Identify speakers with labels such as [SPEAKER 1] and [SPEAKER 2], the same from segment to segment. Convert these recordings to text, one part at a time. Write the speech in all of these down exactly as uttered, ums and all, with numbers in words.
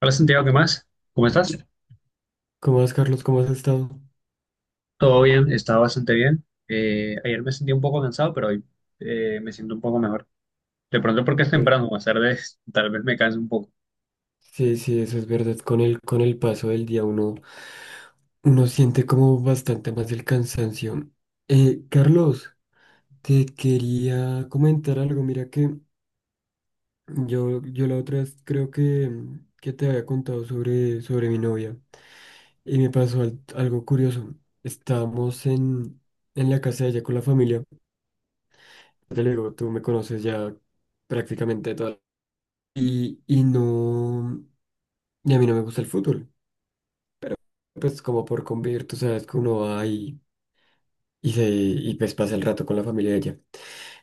[SPEAKER 1] Hola Santiago, ¿qué más? ¿Cómo estás?
[SPEAKER 2] ¿Cómo vas, Carlos? ¿Cómo has estado?
[SPEAKER 1] Todo bien, está bastante bien. Eh, ayer me sentí un poco cansado, pero hoy eh, me siento un poco mejor. De pronto porque es
[SPEAKER 2] Eh,
[SPEAKER 1] temprano, más tarde tal vez me canse un poco.
[SPEAKER 2] Sí, sí, eso es verdad. Con el, con el paso del día uno, uno siente como bastante más el cansancio. Eh, Carlos, te quería comentar algo. Mira que yo, yo la otra vez creo que, mm, que te había contado sobre, sobre mi novia y me pasó al- algo curioso. Estábamos en, en la casa de ella con la familia. Te lo digo, tú me conoces ya prácticamente toda. Y, y no. Y a mí no me gusta el fútbol. Pues como por convivir, tú sabes que uno va y, y, se, y pues pasa el rato con la familia de ella.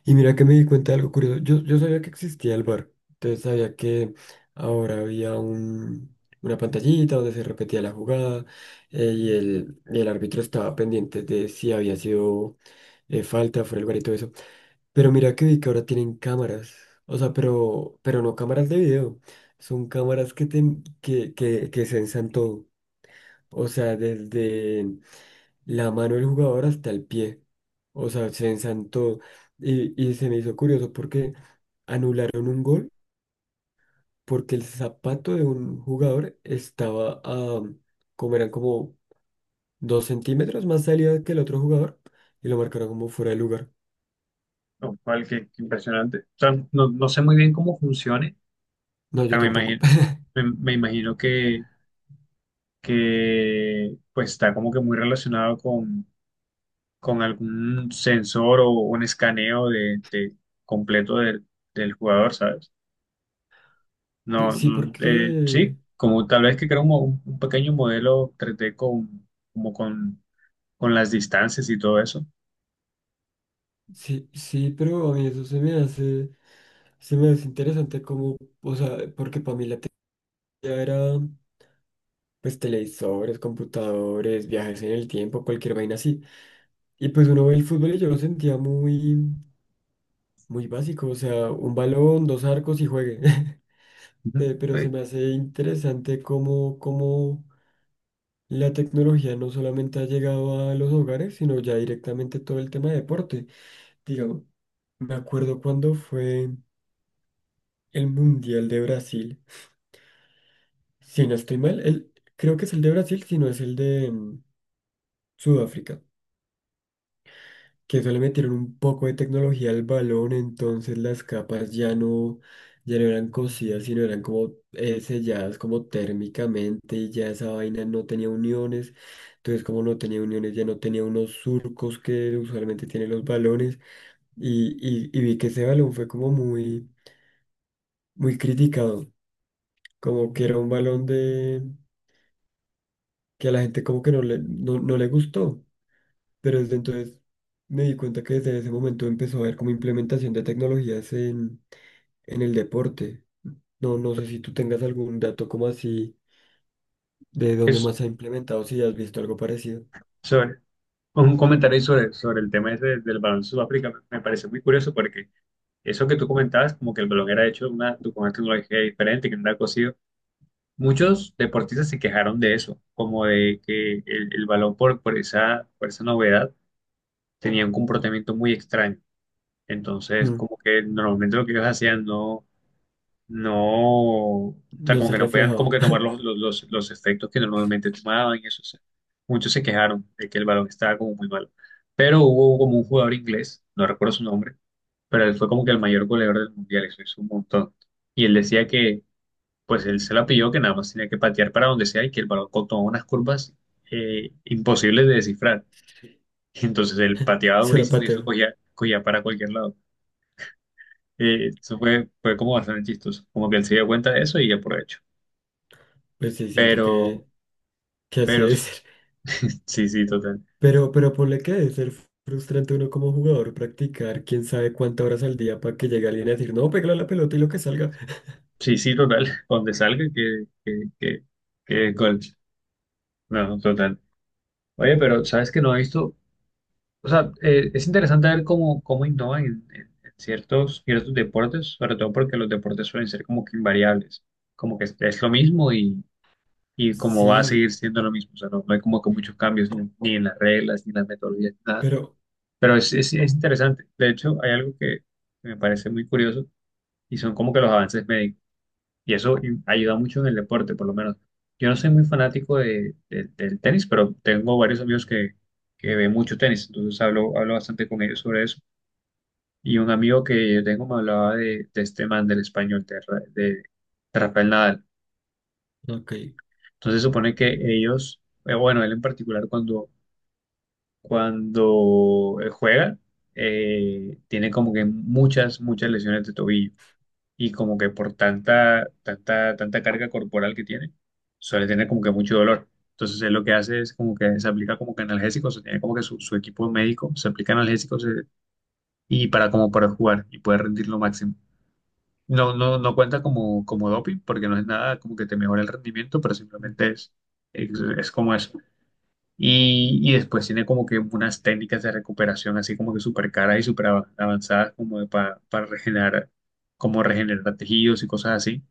[SPEAKER 2] Y mira que me di cuenta de algo curioso. Yo, yo sabía que existía el bar. Entonces sabía que ahora había un, una pantallita donde se repetía la jugada eh, y, el, y el árbitro estaba pendiente de si había sido eh, falta, fuera de lugar y todo eso. Pero mira que vi que ahora tienen cámaras. O sea, pero, pero no cámaras de video. Son cámaras que, te, que, que, que sensan todo. O sea, desde la mano del jugador hasta el pie. O sea, se ensantó. Y, y se me hizo curioso porque anularon un gol porque el zapato de un jugador estaba a, como eran como dos centímetros más salida que el otro jugador y lo marcaron como fuera de lugar.
[SPEAKER 1] Lo cual, qué, qué impresionante. O sea, no, no sé muy bien cómo funcione,
[SPEAKER 2] No, yo
[SPEAKER 1] pero me
[SPEAKER 2] tampoco.
[SPEAKER 1] imagino, me, me imagino que, que pues está como que muy relacionado con, con algún sensor o un escaneo de, de completo del del jugador, ¿sabes?
[SPEAKER 2] Sí,
[SPEAKER 1] No,
[SPEAKER 2] sí,
[SPEAKER 1] mm, eh,
[SPEAKER 2] porque
[SPEAKER 1] sí, como tal vez que crea un, mo- un pequeño modelo tres d con, como con, con las distancias y todo eso.
[SPEAKER 2] sí, sí, pero a mí eso se me hace, se me hace interesante como, o sea, porque para mí la teoría era, pues televisores, computadores, viajes en el tiempo, cualquier vaina así. Y pues uno ve el fútbol y yo lo sentía muy, muy básico, o sea, un balón, dos arcos y juegue.
[SPEAKER 1] Ujú.
[SPEAKER 2] Eh, Pero se
[SPEAKER 1] Sí,
[SPEAKER 2] me hace interesante cómo, cómo la tecnología no solamente ha llegado a los hogares, sino ya directamente todo el tema de deporte. Digamos, me acuerdo cuando fue el Mundial de Brasil. Si no estoy mal, el, creo que es el de Brasil, si no es el de mm, Sudáfrica, que solo metieron un poco de tecnología al balón. Entonces las capas ya no, ya no eran cosidas, sino eran como eh, selladas como térmicamente, y ya esa vaina no tenía uniones. Entonces, como no tenía uniones, ya no tenía unos surcos que usualmente tienen los balones, y, y, y vi que ese balón fue como muy, muy criticado, como que era un balón de... que a la gente como que no le, no no le gustó. Pero desde entonces me di cuenta que desde ese momento empezó a haber como implementación de tecnologías en, en el deporte. No, no sé si tú tengas algún dato como así de dónde
[SPEAKER 1] es
[SPEAKER 2] más se ha implementado, si has visto algo parecido.
[SPEAKER 1] sobre, un comentario sobre, sobre el tema ese del balón de Sudáfrica me me parece muy curioso porque eso que tú comentabas, como que el balón era hecho de una, con una tecnología diferente, que no era cosido, muchos deportistas se quejaron de eso, como de que el, el balón por, por esa, por esa novedad tenía un comportamiento muy extraño. Entonces,
[SPEAKER 2] Mm,
[SPEAKER 1] como que normalmente lo que ellos hacían no. No, o sea,
[SPEAKER 2] no
[SPEAKER 1] como
[SPEAKER 2] se
[SPEAKER 1] que no podían como
[SPEAKER 2] reflejaba.
[SPEAKER 1] que tomar los, los, los, los efectos que normalmente tomaban y eso. O sea, muchos se quejaron de que el balón estaba como muy malo. Pero hubo como un jugador inglés, no recuerdo su nombre, pero él fue como que el mayor goleador del mundial, eso hizo un montón. Y él decía que, pues él se la pilló, que nada más tenía que patear para donde sea y que el balón co- tomaba unas curvas eh, imposibles de descifrar. Entonces él pateaba
[SPEAKER 2] Solo
[SPEAKER 1] durísimo y eso
[SPEAKER 2] pateo.
[SPEAKER 1] cogía, cogía para cualquier lado. Eh, eso fue, fue como bastante chistoso, como que él se dio cuenta de eso y aprovechó.
[SPEAKER 2] Pues sí, siento que,
[SPEAKER 1] Pero,
[SPEAKER 2] que así
[SPEAKER 1] pero
[SPEAKER 2] debe
[SPEAKER 1] sí,
[SPEAKER 2] ser.
[SPEAKER 1] sí, sí, total.
[SPEAKER 2] Pero, pero ponle que debe ser frustrante uno como jugador practicar quién sabe cuántas horas al día para que llegue alguien a decir, no, pégale a la pelota y lo que salga.
[SPEAKER 1] Sí, sí, total. Donde salga, que, que, que, que gol. No, no, total. Oye, pero sabes que no he visto. O sea, eh, es interesante ver cómo, cómo innovan en, en- en ciertos, ciertos deportes, sobre todo porque los deportes suelen ser como que invariables. Como que es, es lo mismo y, y como va a seguir
[SPEAKER 2] Sí,
[SPEAKER 1] siendo lo mismo. O sea, no, no hay como que muchos cambios ni, ni en las reglas, ni en las metodologías, nada.
[SPEAKER 2] pero,
[SPEAKER 1] Pero es, es, es interesante. De hecho, hay algo que me parece muy curioso y son como que los avances médicos. Y eso i- ayuda mucho en el deporte, por lo menos. Yo no soy muy fanático de, de- del tenis, pero tengo varios amigos que, que ven mucho tenis, entonces hablo, hablo bastante con ellos sobre eso. Y un amigo que yo tengo me hablaba de, de este man del español, de, Ra- de, de Rafael Nadal.
[SPEAKER 2] ok.
[SPEAKER 1] Entonces supone que ellos, eh, bueno, él en particular cuando, cuando eh, juega, eh, tiene como que muchas, muchas lesiones de tobillo. Y como que por tanta, tanta, tanta carga corporal que tiene, suele tener como que mucho dolor. Entonces él lo que hace es como que se aplica como que analgésicos, o sea, tiene como que su, su equipo médico, se aplica analgésicos eh, y para como para jugar y poder rendir lo máximo. No, no, no cuenta como, como doping porque no es nada como que te mejora el rendimiento, pero simplemente es, es, es como eso. Y, y después tiene como que unas técnicas de recuperación así como que súper caras y súper av- avanzadas como de pa- para regenerar, como regenerar tejidos y cosas así.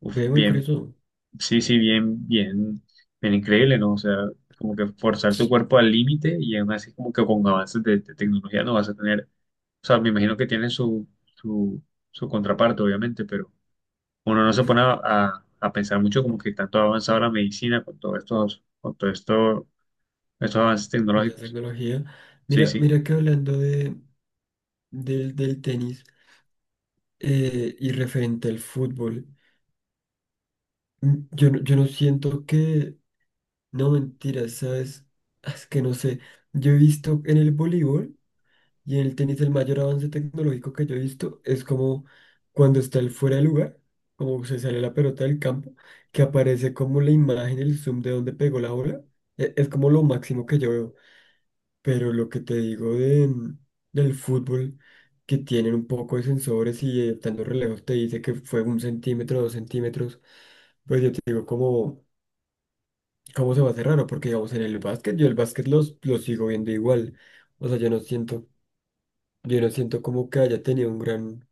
[SPEAKER 1] Uf,
[SPEAKER 2] Ve muy
[SPEAKER 1] bien,
[SPEAKER 2] curioso.
[SPEAKER 1] sí, sí, bien, bien, bien increíble, ¿no? O sea, como que forzar tu cuerpo al límite y aún así como que con avances de, de tecnología no vas a tener, o sea, me imagino que tiene su, su, su contraparte, obviamente, pero uno no se pone a, a- a pensar mucho como que tanto ha avanzado la medicina con todos estos, con todo esto, estos avances
[SPEAKER 2] En la
[SPEAKER 1] tecnológicos.
[SPEAKER 2] tecnología.
[SPEAKER 1] Sí,
[SPEAKER 2] Mira,
[SPEAKER 1] sí,
[SPEAKER 2] mira que hablando de, del, del tenis eh, y referente al fútbol, mm, yo, no- yo no siento que, no mentiras, ¿sabes? Es que no sé, yo he visto en el voleibol y en el tenis el mayor avance tecnológico que yo he visto es como cuando está el fuera de lugar, como se sale la pelota del campo, que aparece como la imagen, el zoom de donde pegó la bola. E- Es como lo máximo que yo veo. Pero lo que te digo de, mm, del fútbol, que tienen un poco de sensores y eh, dando relevos te dice que fue un centímetro, dos centímetros, pues yo te digo cómo, cómo se va a hacer raro, porque digamos en el básquet, yo el básquet los, lo sigo viendo igual. O sea, yo no siento, yo no siento como que haya tenido un gran,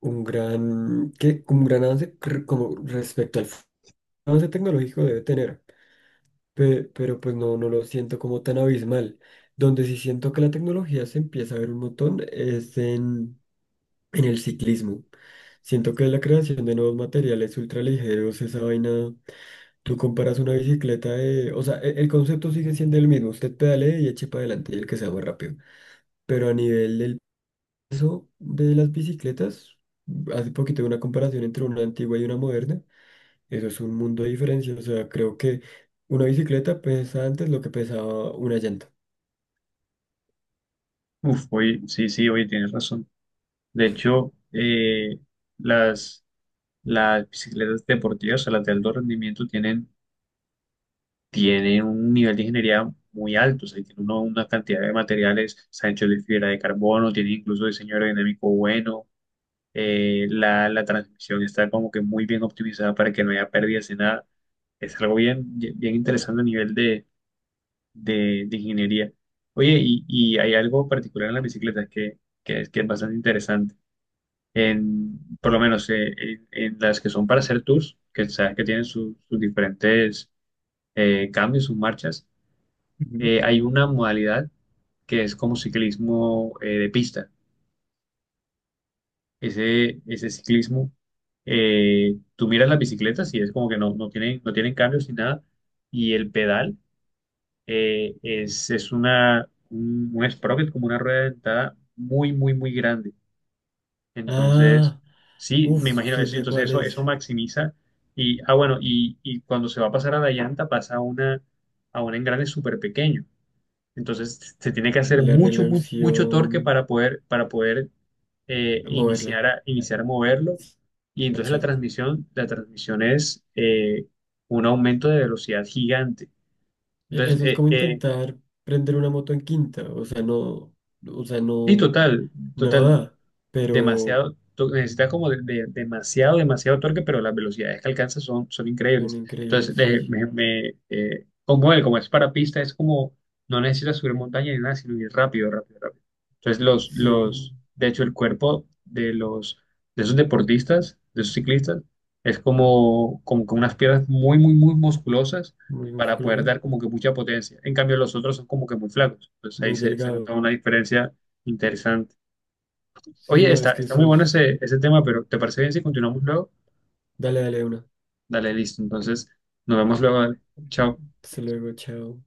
[SPEAKER 2] un gran, que un gran avance cr- como respecto al fu- avance tecnológico debe tener. Pe- pero pues no, no lo siento como tan abismal. Donde sí siento que la tecnología se empieza a ver un montón es en, en el ciclismo. Siento que la creación de nuevos materiales ultraligeros, esa vaina, tú comparas una bicicleta de... O sea, e- el, concepto sigue siendo el mismo, usted pedale y eche para adelante y el que sea más rápido. Pero a nivel del peso de las bicicletas, hace poquito hubo una comparación entre una antigua y una moderna. Eso es un mundo de diferencia. O sea, creo que una bicicleta pesa antes lo que pesaba una llanta.
[SPEAKER 1] uf, oye, sí, sí, oye, tienes razón. De hecho, eh, las, las bicicletas deportivas, o sea, las de alto rendimiento tienen tiene un nivel de ingeniería muy alto, o sea, tiene uno- una cantidad de materiales, está hecho de fibra de carbono, tiene incluso diseño aerodinámico bueno, eh, la, la transmisión está como que muy bien optimizada para que no haya pérdidas de nada. Es algo bien, bien interesante a nivel de, de, de ingeniería. Oye, y, y hay algo particular en las bicicletas que, que es, que es bastante interesante. En, por lo menos eh, en, en las que son para hacer tours, que sabes que tienen sus sus diferentes eh, cambios, sus marchas
[SPEAKER 2] Ujú.
[SPEAKER 1] eh, hay una modalidad que es como ciclismo eh, de pista. Ese, ese ciclismo, eh, tú miras las bicicletas y es como que no, no tienen, no tienen cambios ni nada. Y el pedal eh, es, es una, un, un sprocket, como una rueda dentada muy, muy, muy grande. Entonces,
[SPEAKER 2] Ah,
[SPEAKER 1] sí, me
[SPEAKER 2] uff,
[SPEAKER 1] imagino
[SPEAKER 2] sí
[SPEAKER 1] eso.
[SPEAKER 2] sé
[SPEAKER 1] Entonces,
[SPEAKER 2] cuál
[SPEAKER 1] eso, eso
[SPEAKER 2] es.
[SPEAKER 1] maximiza. Y, ah, bueno, y, y cuando se va a pasar a la llanta, pasa a, una, a un engrane súper pequeño. Entonces se tiene que hacer
[SPEAKER 2] La
[SPEAKER 1] mucho, mucho, mucho torque
[SPEAKER 2] relación,
[SPEAKER 1] para poder, para poder eh,
[SPEAKER 2] moverla.
[SPEAKER 1] iniciar a, iniciar a moverlo. Y entonces la
[SPEAKER 2] Acha.
[SPEAKER 1] transmisión, la transmisión es eh, un aumento de velocidad gigante.
[SPEAKER 2] E-
[SPEAKER 1] Entonces,
[SPEAKER 2] Eso es
[SPEAKER 1] eh,
[SPEAKER 2] como
[SPEAKER 1] eh,
[SPEAKER 2] intentar prender una moto en quinta. O sea, no, o sea,
[SPEAKER 1] sí,
[SPEAKER 2] no,
[SPEAKER 1] total, total.
[SPEAKER 2] nada. Pero
[SPEAKER 1] Demasiado, to- necesita como de, de- demasiado, demasiado torque, pero las velocidades que alcanza son, son
[SPEAKER 2] son
[SPEAKER 1] increíbles.
[SPEAKER 2] increíbles,
[SPEAKER 1] Entonces, eh,
[SPEAKER 2] sí.
[SPEAKER 1] me, me, eh, como él, como es para pista, es como, no necesita subir montaña ni nada, sino ir rápido, rápido, rápido. Entonces, los,
[SPEAKER 2] Sí,
[SPEAKER 1] los, de hecho, el cuerpo de los, de esos deportistas, de esos ciclistas, es como, como con unas piernas muy, muy, muy musculosas
[SPEAKER 2] muy
[SPEAKER 1] para poder
[SPEAKER 2] musculosas,
[SPEAKER 1] dar como que mucha potencia. En cambio, los otros son como que muy flacos. Entonces, ahí
[SPEAKER 2] muy
[SPEAKER 1] se, se nota
[SPEAKER 2] delgado.
[SPEAKER 1] una diferencia interesante.
[SPEAKER 2] Sí,
[SPEAKER 1] Oye,
[SPEAKER 2] no,
[SPEAKER 1] está,
[SPEAKER 2] es que
[SPEAKER 1] está muy bueno
[SPEAKER 2] esos.
[SPEAKER 1] ese, ese tema, pero ¿te parece bien si continuamos luego?
[SPEAKER 2] Dale, dale una.
[SPEAKER 1] Dale, listo. Entonces, nos vemos luego. Dale. Chao.
[SPEAKER 2] Hasta luego, chao.